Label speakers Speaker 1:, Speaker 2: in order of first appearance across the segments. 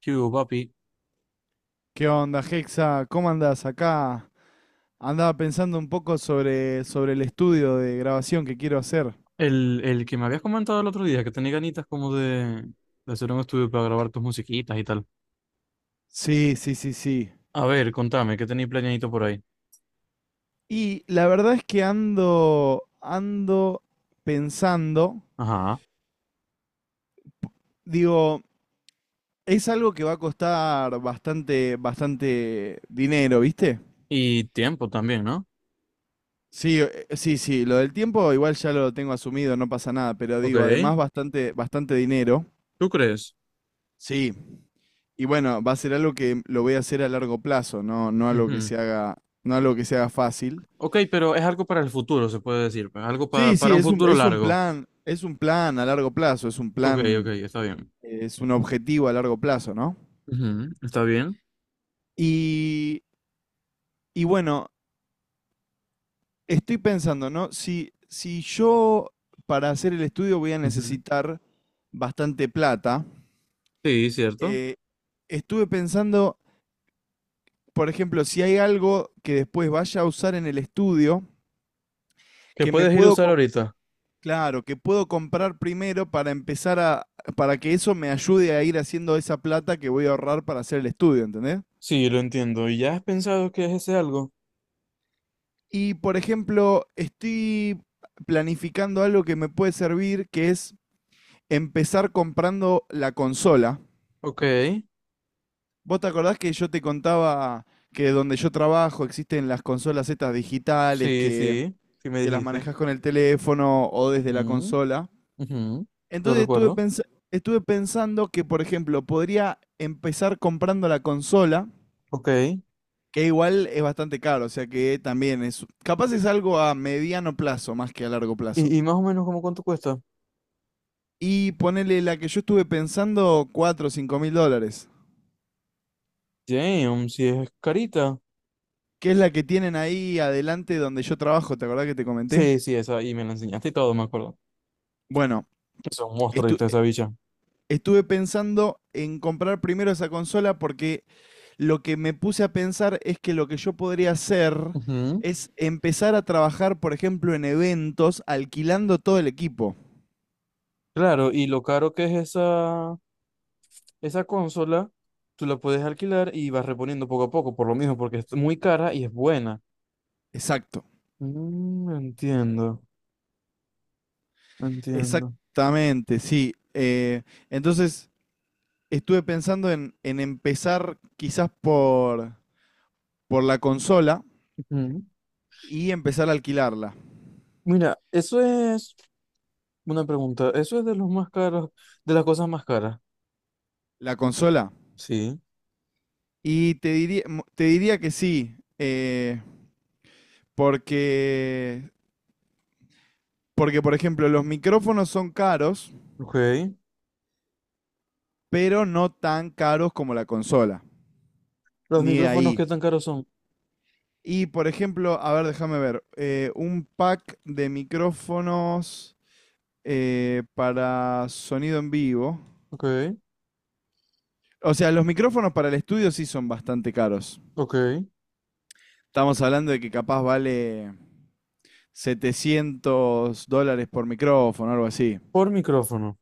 Speaker 1: ¿Qué hubo, papi?
Speaker 2: ¿Qué onda, Hexa? ¿Cómo andás acá? Andaba pensando un poco sobre el estudio de grabación que quiero hacer.
Speaker 1: El que me habías comentado el otro día, que tenés ganitas como de hacer un estudio para grabar tus musiquitas y tal.
Speaker 2: Sí, sí, sí, sí.
Speaker 1: A ver, contame, ¿qué tenéis planeadito por ahí?
Speaker 2: Y la verdad es que ando pensando,
Speaker 1: Ajá.
Speaker 2: digo, es algo que va a costar bastante, bastante dinero, ¿viste?
Speaker 1: Y tiempo también, ¿no?
Speaker 2: Sí, sí, sí, lo del tiempo igual ya lo tengo asumido, no pasa nada, pero
Speaker 1: Ok,
Speaker 2: digo, además bastante, bastante dinero.
Speaker 1: ¿tú crees?
Speaker 2: Sí. Y bueno, va a ser algo que lo voy a hacer a largo plazo, no, no algo que
Speaker 1: Ujú.
Speaker 2: se haga, no algo que se haga fácil.
Speaker 1: Ok, pero es algo para el futuro, se puede decir. Algo
Speaker 2: Sí, sí,
Speaker 1: para un futuro largo.
Speaker 2: es un plan a largo plazo, es un
Speaker 1: Ok, ok,
Speaker 2: plan,
Speaker 1: está bien.
Speaker 2: es un objetivo a largo plazo, ¿no?
Speaker 1: Ujú, ¿está bien?
Speaker 2: Y, y bueno, estoy pensando, ¿no? Si yo para hacer el estudio voy a
Speaker 1: Ujú.
Speaker 2: necesitar bastante plata,
Speaker 1: Sí, cierto.
Speaker 2: eh, estuve pensando, por ejemplo, si hay algo que después vaya a usar en el estudio,
Speaker 1: ¿Que
Speaker 2: que me
Speaker 1: puedes ir a
Speaker 2: puedo,
Speaker 1: usar ahorita?
Speaker 2: claro, que puedo comprar primero para empezar a, para que eso me ayude a ir haciendo esa plata que voy a ahorrar para hacer el estudio, ¿entendés?
Speaker 1: Sí, lo entiendo. ¿Y ya has pensado qué es ese algo?
Speaker 2: Y por ejemplo, estoy planificando algo que me puede servir, que es empezar comprando la consola.
Speaker 1: Ok,
Speaker 2: ¿Vos te acordás que yo te contaba que donde yo trabajo existen las consolas estas digitales
Speaker 1: sí, sí, sí me
Speaker 2: que las
Speaker 1: dijiste.
Speaker 2: manejás con el teléfono o desde la
Speaker 1: Ujú.
Speaker 2: consola?
Speaker 1: Ujú, lo
Speaker 2: Entonces
Speaker 1: recuerdo.
Speaker 2: estuve pensando que, por ejemplo, podría empezar comprando la consola,
Speaker 1: Ok. ¿Y,
Speaker 2: que igual es bastante caro, o sea que también es, capaz es algo a mediano plazo más que a largo plazo.
Speaker 1: y más o menos cómo cuánto cuesta?
Speaker 2: Y ponerle la que yo estuve pensando, $4.000 o $5.000,
Speaker 1: Damn, si es carita.
Speaker 2: que es la que tienen ahí adelante donde yo trabajo, ¿te acordás que te comenté?
Speaker 1: Sí, sí, esa. Y me la enseñaste y todo, me acuerdo.
Speaker 2: Bueno,
Speaker 1: Es un monstruo
Speaker 2: estu-
Speaker 1: ahorita esa bicha.
Speaker 2: estuve pensando en comprar primero esa consola porque lo que me puse a pensar es que lo que yo podría hacer
Speaker 1: Ujú.
Speaker 2: es empezar a trabajar, por ejemplo, en eventos alquilando todo el equipo.
Speaker 1: Claro, y lo caro que es esa consola, tú la puedes alquilar y vas reponiendo poco a poco, por lo mismo, porque es muy cara y es buena.
Speaker 2: Exacto.
Speaker 1: Mm, entiendo, entiendo.
Speaker 2: Exactamente, sí. Entonces, estuve pensando en empezar quizás por, la consola
Speaker 1: Ujú.
Speaker 2: y empezar a alquilarla.
Speaker 1: Mira, eso es una pregunta. Eso es de los más caros, de las cosas más caras.
Speaker 2: La consola.
Speaker 1: Sí.
Speaker 2: Y te diría, te diría que sí. Porque Porque, por ejemplo, los micrófonos son caros,
Speaker 1: Ok.
Speaker 2: pero no tan caros como la consola,
Speaker 1: Los
Speaker 2: ni de
Speaker 1: micrófonos,
Speaker 2: ahí.
Speaker 1: ¿qué tan caros son?
Speaker 2: Y, por ejemplo, a ver, déjame ver, un pack de micrófonos para sonido en vivo.
Speaker 1: Ok,
Speaker 2: O sea, los micrófonos para el estudio sí son bastante caros.
Speaker 1: ok.
Speaker 2: Estamos hablando de que capaz vale $700 por micrófono, algo así.
Speaker 1: Por micrófono.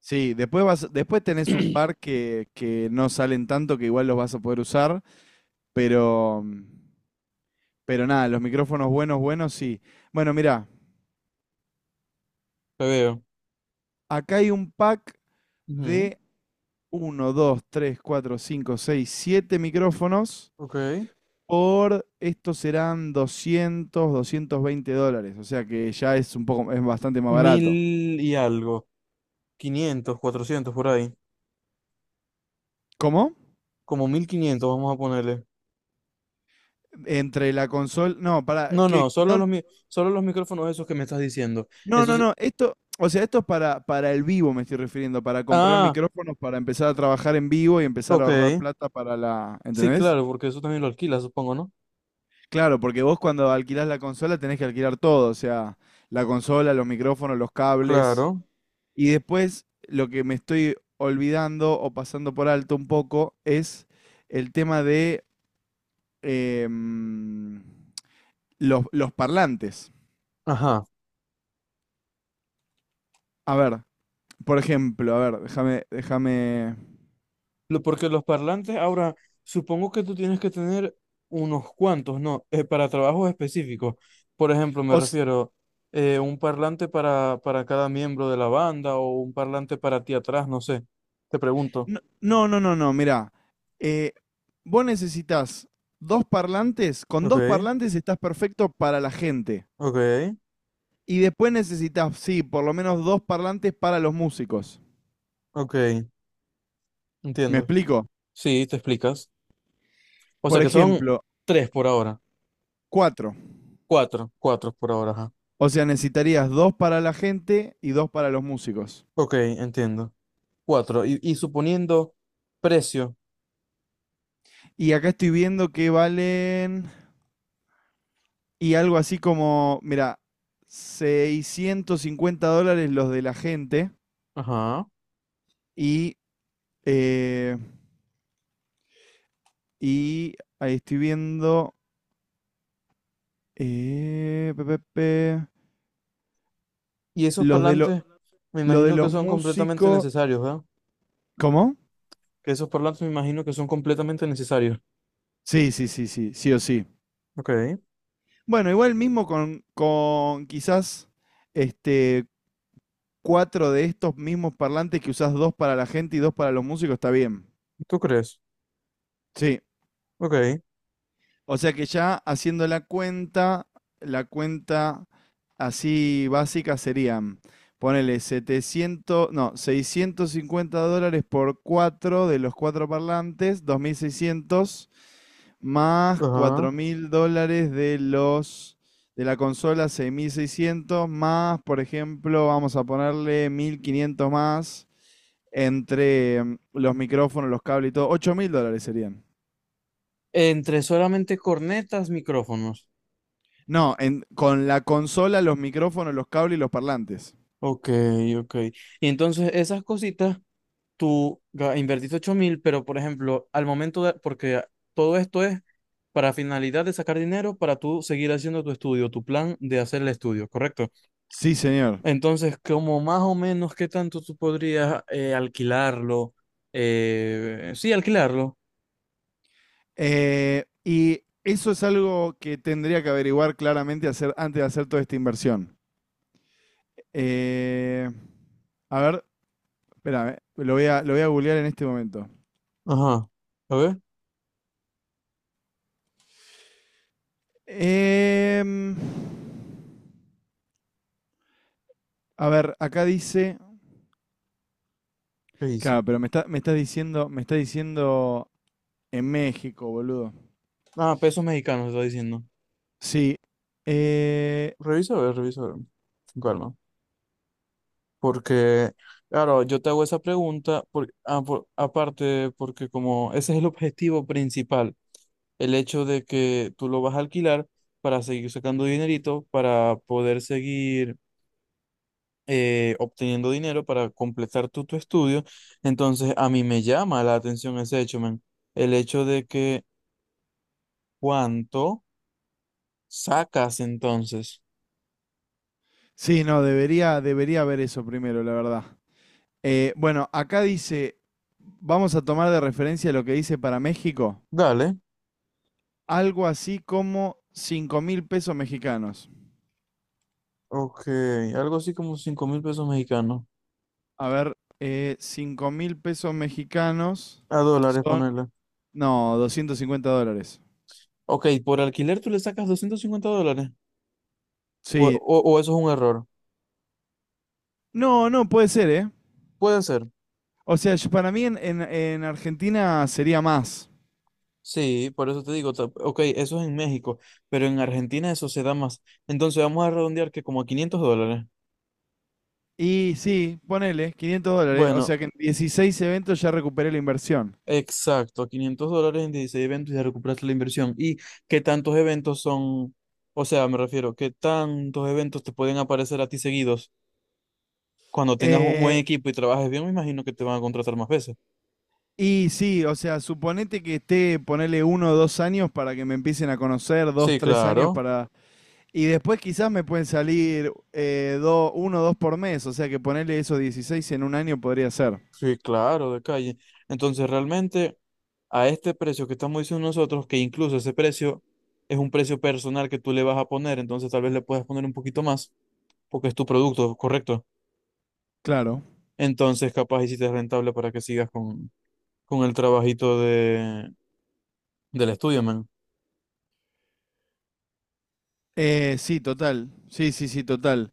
Speaker 2: Sí, después vas, después tenés un par que no salen tanto, que igual los vas a poder usar, pero pero nada, los micrófonos buenos, buenos, sí. Bueno, mirá,
Speaker 1: Te veo.
Speaker 2: acá hay un pack
Speaker 1: Ujú,
Speaker 2: de uno 2 3 4 5 6 7 micrófonos
Speaker 1: ok.
Speaker 2: por, estos serán doscientos doscientos veinte dólares. O sea que ya es un poco, es bastante más barato.
Speaker 1: Mil y algo, 500, 400 por ahí.
Speaker 2: ¿Cómo?
Speaker 1: Como 1500, vamos a ponerle.
Speaker 2: Entre la consola, no, para,
Speaker 1: No, no,
Speaker 2: que, no,
Speaker 1: solo los micrófonos esos que me estás diciendo.
Speaker 2: no,
Speaker 1: Eso
Speaker 2: no,
Speaker 1: sí-
Speaker 2: no, esto, o sea, esto es para el vivo me estoy refiriendo, para comprar
Speaker 1: Ah,
Speaker 2: micrófonos, para empezar a trabajar en vivo y empezar a ahorrar
Speaker 1: ok.
Speaker 2: plata para la,
Speaker 1: Sí,
Speaker 2: ¿entendés?
Speaker 1: claro, porque eso también lo alquilas, supongo, ¿no?
Speaker 2: Claro, porque vos cuando alquilás la consola tenés que alquilar todo, o sea, la consola, los micrófonos, los cables.
Speaker 1: Claro.
Speaker 2: Y después lo que me estoy olvidando o pasando por alto un poco es el tema de em, los parlantes.
Speaker 1: Ajá.
Speaker 2: A ver, por ejemplo, a ver, déjame.
Speaker 1: Porque los parlantes, ahora, supongo que tú tienes que tener unos cuantos, ¿no? Para trabajos específicos. Por ejemplo, me
Speaker 2: os,
Speaker 1: refiero un parlante para cada miembro de la banda o un parlante para ti atrás, no sé. Te pregunto.
Speaker 2: no, no, no, no, no, mirá. eh, vos necesitas dos parlantes, con
Speaker 1: Ok,
Speaker 2: dos parlantes estás perfecto para la gente.
Speaker 1: ok,
Speaker 2: Y después necesitas, sí, por lo menos dos parlantes para los músicos.
Speaker 1: ok.
Speaker 2: ¿Me
Speaker 1: Entiendo.
Speaker 2: explico?
Speaker 1: Sí, te explicas. O sea
Speaker 2: Por
Speaker 1: que son
Speaker 2: ejemplo,
Speaker 1: tres por ahora.
Speaker 2: cuatro.
Speaker 1: Cuatro, cuatro por ahora, ajá.
Speaker 2: O sea, necesitarías dos para la gente y dos para los músicos.
Speaker 1: Ok, entiendo. Cuatro. Y suponiendo precio.
Speaker 2: Y acá estoy viendo que valen. Y algo así como, mira, $650 los de la gente.
Speaker 1: Ajá.
Speaker 2: Y. eh, y ahí estoy viendo. eh, pe, pe, pe,
Speaker 1: Y esos
Speaker 2: los de, lo-
Speaker 1: parlantes, me
Speaker 2: lo de
Speaker 1: imagino que
Speaker 2: los
Speaker 1: son completamente
Speaker 2: músicos.
Speaker 1: necesarios, ¿verdad?
Speaker 2: ¿Cómo?
Speaker 1: Que esos parlantes me imagino que son completamente necesarios.
Speaker 2: Sí, sí, sí, sí, sí o sí.
Speaker 1: Ok,
Speaker 2: Bueno, igual mismo con quizás este, cuatro de estos mismos parlantes que usás dos para la gente y dos para los músicos, está bien.
Speaker 1: ¿tú crees?
Speaker 2: Sí.
Speaker 1: Ok,
Speaker 2: O sea que ya haciendo la cuenta así básica serían, ponele 700, no, $650 por 4 de los cuatro parlantes, 2600 más
Speaker 1: ajá.
Speaker 2: $4.000 de los de la consola 6600 más, por ejemplo, vamos a ponerle 1500 más entre los micrófonos, los cables y todo, $8.000 serían.
Speaker 1: Entre solamente cornetas, micrófonos.
Speaker 2: No, con la consola, los micrófonos, los cables y los parlantes.
Speaker 1: Ok, ok. Y entonces esas cositas, invertiste 8000, pero por ejemplo, al momento de, porque todo esto es para finalidad de sacar dinero para tú seguir haciendo tu estudio, tu plan de hacer el estudio, ¿correcto?
Speaker 2: Sí, señor.
Speaker 1: Entonces, como más o menos, ¿qué tanto tú podrías alquilarlo? Sí, alquilarlo.
Speaker 2: Y eso es algo que tendría que averiguar claramente hacer, antes de hacer toda esta inversión. Eh, a ver, espérame, lo voy a googlear en este momento.
Speaker 1: Ajá. A ver,
Speaker 2: Em, a ver, acá dice.
Speaker 1: ¿qué dice?
Speaker 2: Claro, pero me está diciendo en México, boludo.
Speaker 1: Ah, pesos mexicanos está diciendo.
Speaker 2: Sí. eh,
Speaker 1: Revisa, a ver, revisa, a ver. Con calma. Porque, claro, yo te hago esa pregunta, aparte, porque como ese es el objetivo principal, el hecho de que tú lo vas a alquilar para seguir sacando dinerito, para poder seguir obteniendo dinero para completar tu estudio. Entonces, a mí me llama la atención ese hecho, men. El hecho de que cuánto sacas entonces.
Speaker 2: sí, no, debería, debería haber eso primero, la verdad. Bueno, acá dice, vamos a tomar de referencia lo que dice para México,
Speaker 1: Dale,
Speaker 2: algo así como 5.000 pesos mexicanos.
Speaker 1: ok, algo así como 5000 pesos mexicanos.
Speaker 2: A ver, 5 mil pesos mexicanos
Speaker 1: A dólares
Speaker 2: son,
Speaker 1: ponerle.
Speaker 2: no, $250.
Speaker 1: Ok, por alquiler tú le sacas 250 dólares. O,
Speaker 2: Sí,
Speaker 1: o, o eso es un error.
Speaker 2: no, no, puede ser, ¿eh?
Speaker 1: Puede ser.
Speaker 2: O sea, yo- para mí en, en Argentina sería más.
Speaker 1: Sí, por eso te digo, ok, eso es en México, pero en Argentina eso se da más. Entonces vamos a redondear que como a 500 dólares.
Speaker 2: Y sí, ponele, $500, o
Speaker 1: Bueno,
Speaker 2: sea que en 16 eventos ya recuperé la inversión.
Speaker 1: exacto, 500 dólares en 16 eventos y ya recuperaste la inversión. ¿Y qué tantos eventos son? O sea, me refiero, ¿qué tantos eventos te pueden aparecer a ti seguidos? Cuando tengas un buen
Speaker 2: Eh,
Speaker 1: equipo y trabajes bien, me imagino que te van a contratar más veces.
Speaker 2: Y sí, o sea, suponete que esté, ponerle 1 o 2 años para que me empiecen a conocer, dos,
Speaker 1: Sí,
Speaker 2: tres años
Speaker 1: claro,
Speaker 2: para... Y después quizás me pueden salir 1 o 2 por mes, o sea que ponerle esos 16 en un año podría ser.
Speaker 1: sí, claro, de calle. Entonces, realmente, a este precio que estamos diciendo nosotros, que incluso ese precio es un precio personal que tú le vas a poner, entonces tal vez le puedas poner un poquito más, porque es tu producto, correcto.
Speaker 2: Claro.
Speaker 1: Entonces, capaz y si te es rentable para que sigas con el trabajito de, del estudio, man.
Speaker 2: Sí, total. Sí, sí, sí, total.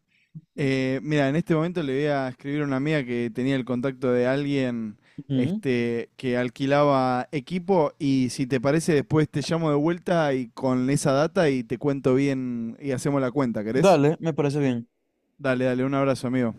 Speaker 2: Mira, en este momento le voy a escribir a una amiga que tenía el contacto de alguien
Speaker 1: Ujú.
Speaker 2: este, que alquilaba equipo y si te parece después te llamo de vuelta y con esa data y te cuento bien y hacemos la cuenta, ¿querés?
Speaker 1: Dale, me parece bien.
Speaker 2: Dale, dale, un abrazo, amigo.